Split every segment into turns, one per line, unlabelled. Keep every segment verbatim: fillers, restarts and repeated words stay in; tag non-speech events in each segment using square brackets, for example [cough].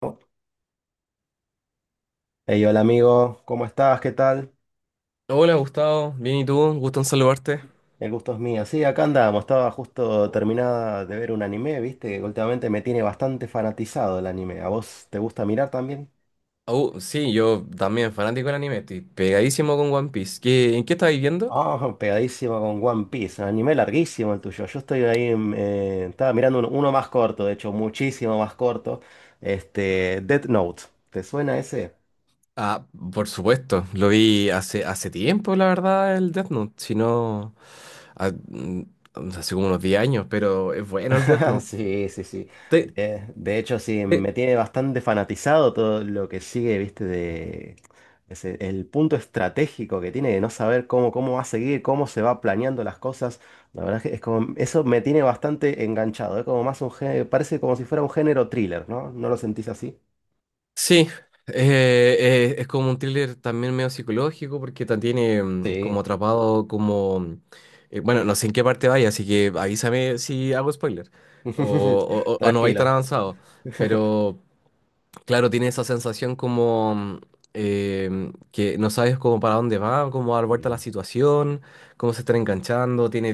¿No? Hey, hola amigo, ¿cómo estás? ¿Qué tal?
Hola Gustavo, bien y tú, gusto en saludarte.
El gusto es mío. Sí, acá andamos. Estaba justo terminada de ver un anime, viste, que últimamente me tiene bastante fanatizado el anime. ¿A vos te gusta mirar también?
Oh, sí, yo también fanático del anime, estoy pegadísimo con One Piece. ¿Qué, en qué estáis viendo?
Ah, pegadísimo con One Piece. Un anime larguísimo el tuyo. Yo estoy ahí, en, eh, estaba mirando un- uno más corto, de hecho, muchísimo más corto. Este, Death Note. ¿Te suena ese?
Ah, por supuesto, lo vi hace, hace tiempo, la verdad, el Death Note, si no, ah, mm, hace como unos diez años, pero es bueno el Death
[laughs]
Note.
Sí, sí, sí.
¿Te,
De, de hecho, sí,
te-
me tiene bastante fanatizado todo lo que sigue, viste, de ese- el punto estratégico que tiene de no saber cómo, cómo va a seguir, cómo se va planeando las cosas. La verdad es que es como, eso me tiene bastante enganchado. Es como más un género, parece como si fuera un género thriller, ¿no? ¿No lo sentís así?
Sí, eh, eh, es como un thriller también medio psicológico porque ta- tiene mm, como
Sí.
atrapado, como, mm, eh, bueno, no sé en qué parte vaya, así que avísame si hago spoiler o, o-
[laughs]
o- o no vais tan
Tranquilo.
avanzado. Pero, Claro, tiene esa sensación como em, que no sabes cómo para dónde va, cómo dar vuelta a la
Ujú.
situación, cómo se está enganchando, tiene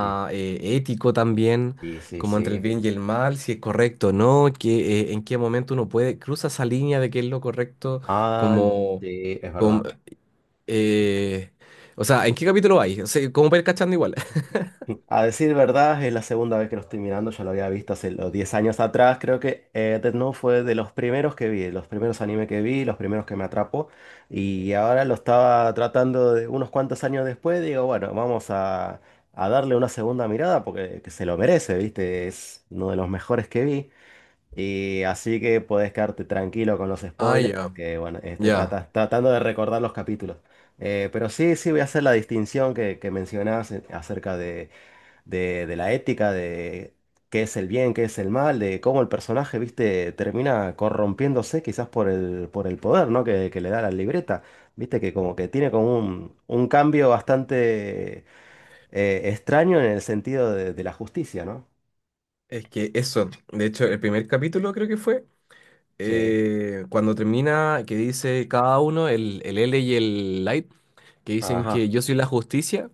Mm.
eh, ético también,
Sí, sí,
como entre el
sí.
bien y el mal, si es correcto o no, que, eh, en qué momento uno puede, cruza esa línea de qué es lo correcto,
Ah,
como,
sí, es
como,
verdad.
eh, o sea, ¿en qué capítulo hay? O sea, como para ir cachando igual. [laughs]
A decir verdad, es la segunda vez que lo estoy mirando, ya lo había visto hace los diez años atrás, creo que eh, Death Note fue de los primeros que vi, los primeros anime que vi, los primeros que me atrapó, y ahora lo estaba tratando de unos cuantos años después, digo, bueno, vamos a, a darle una segunda mirada porque que se lo merece, ¿viste? Es uno de los mejores que vi, y así que podés quedarte tranquilo con los
Ah,
spoilers
ya,
porque, bueno, estoy
ya.
trata- tratando de recordar los capítulos. Eh, pero sí, sí voy a hacer la distinción que, que mencionabas acerca de de, de la ética, de qué es el bien, qué es el mal, de cómo el personaje, viste, termina corrompiéndose quizás por el, por el poder, ¿no? Que, que le da la libreta. Viste que como que tiene como un, un cambio bastante eh, extraño en el sentido de, de la justicia, ¿no?
Es que eso, de hecho, el primer capítulo creo que fue,
Sí.
eh, cuando termina, que dice cada uno, el, el ele y el Light, que dicen
Ajá.
que yo soy la justicia,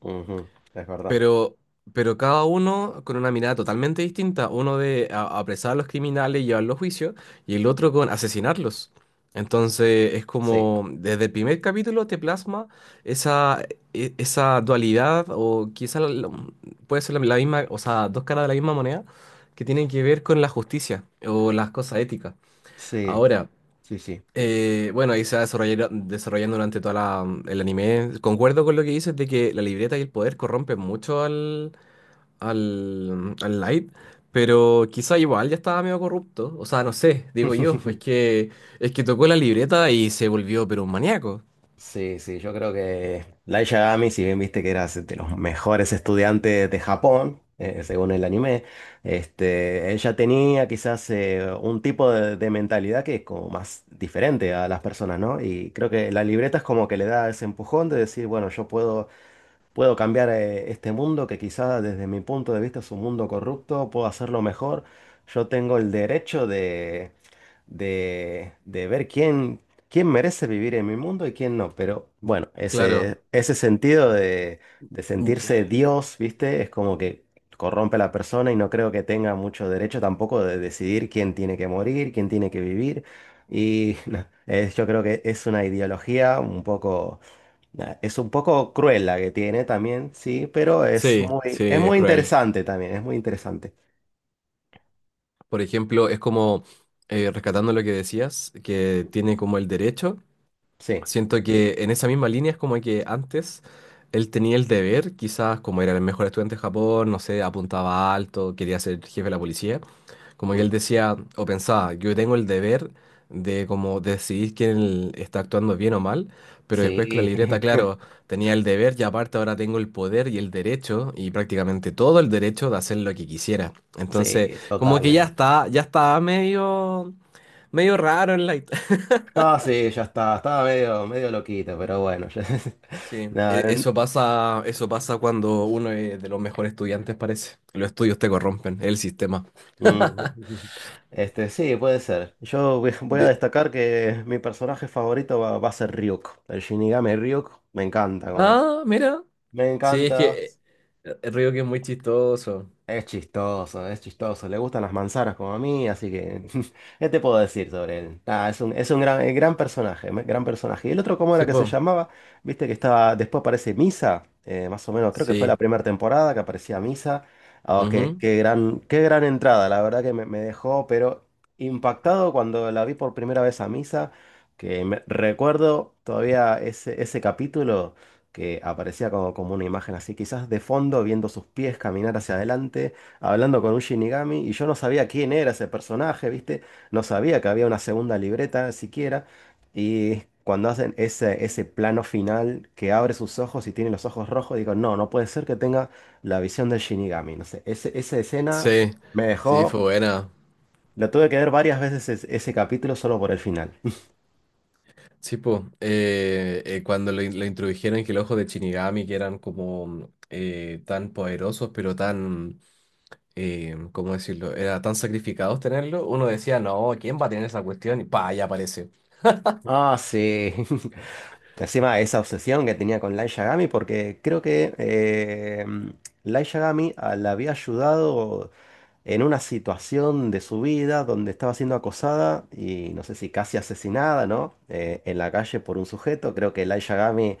Ujú. Es verdad.
pero, pero cada uno con una mirada totalmente distinta, uno de a- apresar a los criminales y llevarlos a juicio, y el otro con asesinarlos. Entonces es
Sí.
como, desde el primer capítulo te plasma esa, e- esa dualidad, o quizá la- la- puede ser la la misma, o sea, dos caras de la misma moneda, que tienen que ver con la justicia o las cosas éticas.
Sí,
Ahora.
sí, sí.
Eh, bueno, ahí se va desarrollar- desarrollando durante toda la, el anime. Concuerdo con lo que dices de que la libreta y el poder corrompen mucho al, al, al Light, pero quizá igual ya estaba medio corrupto. O sea, no sé, digo yo, pues
[laughs]
que es que tocó la libreta y se volvió pero un maníaco.
Sí, sí, yo creo que Light Yagami, si bien viste que era de los mejores estudiantes de Japón, eh, según el anime, este, ella tenía quizás eh, un tipo de, de mentalidad que es como más diferente a las personas, ¿no? Y creo que la libreta es como que le da ese empujón de decir, bueno, yo puedo puedo cambiar eh, este mundo que quizá desde mi punto de vista es un mundo corrupto, puedo hacerlo mejor. Yo tengo el derecho de, de, de ver quién, quién merece vivir en mi mundo y quién no. Pero bueno,
Claro.
ese, ese sentido de, de sentirse Dios, ¿viste? Es como que corrompe a la persona y no creo que tenga mucho derecho tampoco de decidir quién tiene que morir, quién tiene que vivir. Y [laughs] no, es- yo creo que es una ideología un poco nah, es un poco cruel la que tiene también, sí, pero es
Sí,
muy,
sí,
es
es
muy
cruel.
interesante también, es muy interesante.
Por ejemplo, es como, eh, rescatando lo que decías, que tiene como el derecho.
Sí.
Siento que en esa misma línea es como que antes él tenía el deber, quizás como era el mejor estudiante de Japón, no sé, apuntaba alto, quería ser jefe de la policía, como que él
Ujú.
decía o pensaba, yo tengo el deber de como decidir quién está actuando bien o mal, pero después con la
Sí,
libreta,
[laughs]
claro, tenía el deber y aparte ahora tengo el poder y el derecho y prácticamente todo el derecho de hacer lo que quisiera. Entonces,
sí,
como que ya
totalmente.
está, ya estaba medio, medio raro en la.
No, sí, ya está, estaba medio, medio loquito, pero bueno.
Sí,
[laughs] ya-
e-
no, n-
eso pasa, eso pasa cuando uno es de los mejores estudiantes, parece. Los estudios te corrompen, el sistema.
mm, Este, sí, puede ser. Yo voy voy a
De-
destacar que mi personaje favorito va, va a ser Ryuk. El Shinigami Ryuk, me encanta como es.
Ah, mira.
Me
Sí, es que
encanta.
eh, el Río que es muy chistoso.
Es chistoso, es chistoso. Le gustan las manzanas como a mí, así que [laughs] ¿qué te puedo decir sobre él? Nada, es un, es un gran, eh, gran personaje, me- gran personaje. Y el otro, ¿cómo era
Sí,
que se
po.
llamaba? Viste que estaba, después aparece Misa, eh, más o menos, creo que fue la
Sí.
primera temporada que aparecía Misa. Oh, qué,
Ujú.
qué gran, qué gran entrada, la verdad que me, me dejó, pero impactado cuando la vi por primera vez a Misa, que me- recuerdo todavía ese, ese capítulo que aparecía como, como una imagen así, quizás de fondo, viendo sus pies caminar hacia adelante, hablando con un Shinigami, y yo no sabía quién era ese personaje, ¿viste? No sabía que había una segunda libreta siquiera, y cuando hacen ese, ese plano final que abre sus ojos y tiene los ojos rojos, digo, no, no puede ser que tenga la visión del Shinigami, no sé, ese- esa escena
Sí.
me
Sí, fue
dejó,
buena.
la tuve que ver varias veces es- ese capítulo solo por el final.
Sí, po. Eh, eh, cuando lo, in- lo introdujeron que el ojo de Shinigami, que eran como eh, tan poderosos, pero tan, eh, ¿cómo decirlo? Era tan sacrificados tenerlo. Uno decía, no, ¿quién va a tener esa cuestión? Y pa, ya aparece.
Ah, sí. [laughs] Encima esa obsesión que tenía con Light Yagami, porque creo que eh, Light Yagami ah, la había ayudado en una situación de su vida donde estaba siendo acosada y no sé si casi asesinada, ¿no? Eh, en la calle por un sujeto. Creo que Light Yagami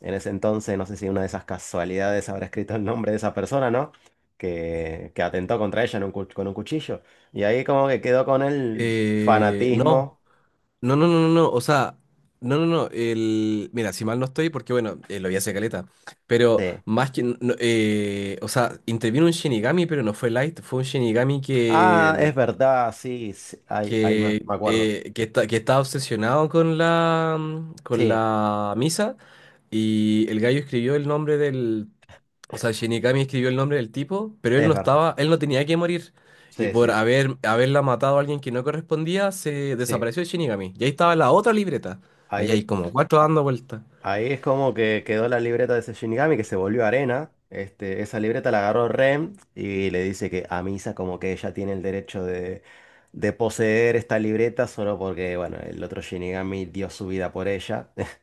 en ese entonces, no sé si una de esas casualidades habrá escrito el nombre de esa persona, ¿no? Que, que atentó contra ella en un cu- con un cuchillo. Y ahí como que quedó con el
Eh, no,
fanatismo.
no, no, no, no, no, o sea, no, no, no, el, mira, si mal no estoy, porque bueno, eh, lo vi hace caleta, pero
Sí,
más que, no, eh, o sea, intervino un Shinigami, pero no fue Light, fue un Shinigami
ah,
que
es verdad, sí, sí, ahí, ahí me,
que,
me acuerdo.
eh, que está, que estaba obsesionado con la, mm, con
Sí,
la misa y el gallo escribió el nombre del, o sea, Shinigami escribió el nombre del tipo, pero él
es
no
verdad.
estaba, él no tenía que morir. Y
Sí,
por
sí,
haber, haberla matado a alguien que no correspondía, se
sí.
desapareció el Shinigami. Y ahí estaba la otra libreta.
Ahí
Allá hay
es,
como cuatro
a-
dando vueltas.
ahí es como que quedó la libreta de ese Shinigami que se volvió arena. Este, esa libreta la agarró Ren y le dice que a Misa como que ella tiene el derecho de, de poseer esta libreta solo porque, bueno, el otro Shinigami dio su vida por ella. [laughs]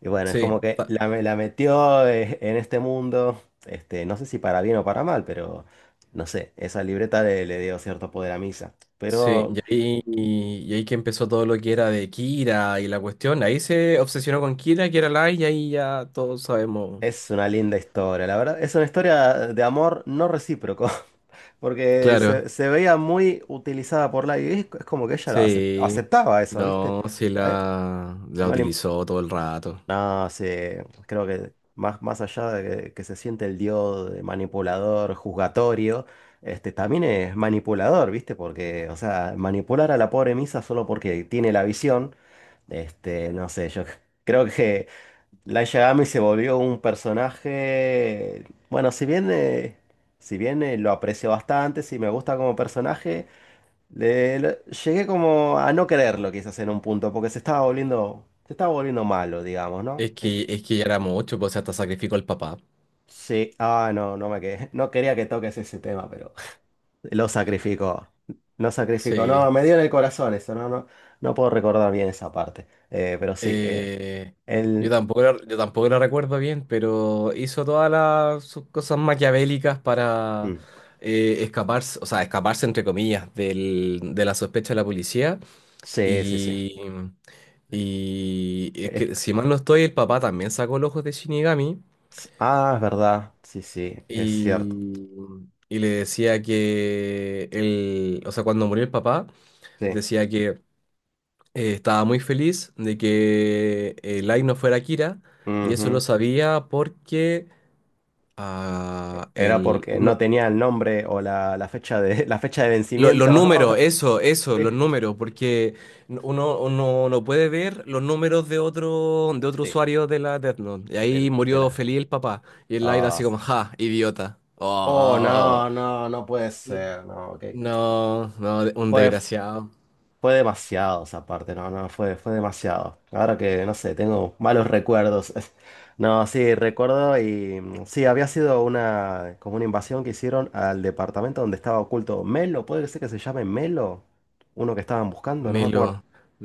Y bueno, es
Sí,
como que
ta-
la, me- la metió eh, en este mundo, este, no sé si para bien o para mal, pero no sé, esa libreta le, le dio cierto poder a Misa.
sí,
Pero
y ahí, y ahí que empezó todo lo que era de Kira y la cuestión. Ahí se obsesionó con Kira, que era Light, y ahí ya todos sabemos.
es una linda historia, la verdad, es una historia de amor no recíproco, [laughs] porque
Claro,
se, se veía muy utilizada por la y es, es como que ella lo acep-
sí.
aceptaba eso, ¿viste?
No, sí
A e-
la, la
no le,
utilizó todo el rato.
no, se, creo que más, más allá de que, que se siente el dios de manipulador, juzgatorio, este, también es manipulador, ¿viste? Porque, o sea, manipular a la pobre Misa solo porque tiene la visión, este, no sé, yo [laughs] creo que Light Yagami se volvió un personaje, bueno, si bien, eh, si bien eh, lo aprecio bastante, si me gusta como personaje, le- le- llegué como a no quererlo quizás en un punto, porque se estaba volviendo, se estaba volviendo malo, digamos, ¿no?
Es que, es que ya era mucho, pues o sea, hasta sacrificó al papá.
Sí, ah, no, no me quedé. No quería que toques ese tema, pero lo sacrificó. Lo sacrificó.
Sí.
No, me dio en el corazón eso. No, no, no puedo recordar bien esa parte. Eh, pero sí, eh,
Eh, yo
él.
tampoco la, yo tampoco la recuerdo bien, pero hizo todas las sus cosas maquiavélicas para
mm,
eh, escaparse, o sea, escaparse entre comillas del, de la sospecha de la policía.
Sí, sí, sí.
Y, y es
Es-
que si mal no estoy, el papá también sacó los ojos de Shinigami.
ah, es verdad. Sí, sí, es cierto.
Y y le decía que él, o sea, cuando murió el papá,
Sí.
decía que eh, estaba muy feliz de que eh, Light no fuera Kira, y eso lo
Ujú.
sabía porque ah,
Era
el,
porque
uno,
no tenía el nombre o la, la fecha de, [laughs] la fecha de
lo- los números,
vencimiento. [laughs]
eso, eso, los
Sí,
números, porque uno, uno no puede ver los números de otro, de otro
sí,
usuario de la Death Note. Y
de,
ahí
la. de
murió
la-
feliz el papá, y el Light
ah.
así como, ja, idiota.
Oh,
Oh.
no, no, no puede ser. No, ok.
No, no, de- un
Fue,
desgraciado.
fue demasiado esa parte, no, no, fue, fue demasiado. Ahora que, no sé, tengo malos recuerdos. [laughs] No, sí, recuerdo y mm, sí, había sido una, como una invasión que hicieron al departamento donde estaba oculto Melo, puede ser que se llame Melo, uno que estaban buscando, no me
Melo,
acuerdo.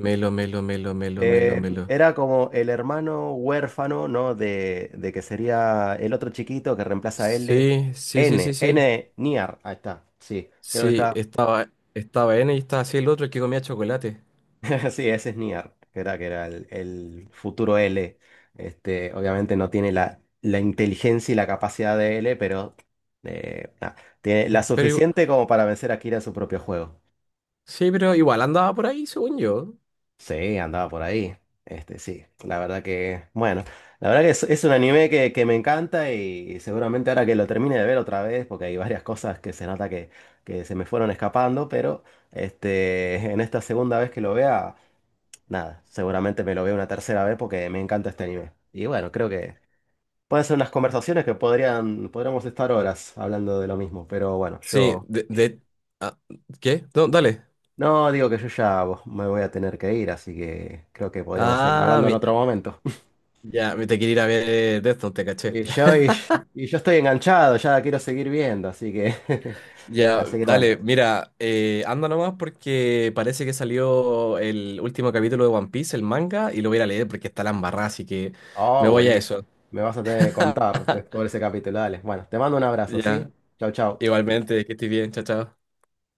melo, melo, melo, melo, melo,
Eh,
melo.
era como el hermano huérfano, ¿no? De, de que sería el otro chiquito que reemplaza a L.
Sí, sí, sí, sí,
N,
sí.
N, Niar, ahí está, sí, creo que
Sí,
está.
estaba, estaba ene y estaba así el otro el que comía chocolate.
[laughs] Sí, ese es Nier, que era, que era el, el futuro L. Este, obviamente no tiene la, la inteligencia y la capacidad de L, pero eh, nada, tiene la
Pero igu-
suficiente como para vencer a Kira en su propio juego.
sí, pero igual andaba por ahí, según yo.
Sí, andaba por ahí. Este, sí, la verdad que, bueno, la verdad que es, es un anime que, que me encanta y seguramente ahora que lo termine de ver otra vez, porque hay varias cosas que se nota que, que se me fueron escapando, pero este, [laughs] en esta segunda vez que lo vea... Nada, seguramente me lo veo una tercera vez porque me encanta este anime. Y bueno, creo que pueden ser unas conversaciones que podrían, podríamos estar horas hablando de lo mismo, pero bueno,
Sí,
yo
de, de- ah, ¿qué? No, dale.
no digo que yo ya bo- me voy a tener que ir, así que creo que podríamos seguir
Ah,
hablando en
mi-
otro momento. [laughs]
ya, me te quiere ir a ver de esto, te caché.
Y yo, y, y yo estoy enganchado, ya quiero seguir viendo, así que [laughs]
Ya,
así que bueno.
dale, mira, eh, anda nomás porque parece que salió el último capítulo de One Piece, el manga, y lo voy a ir a leer porque está la embarrada, así que
Oh,
me voy a
buenísimo.
eso.
Me vas a tener que contar después de ese capítulo, dale. Bueno, te mando un abrazo, ¿sí?
Ya,
Chau, chau.
igualmente, que estés bien, chao, chao.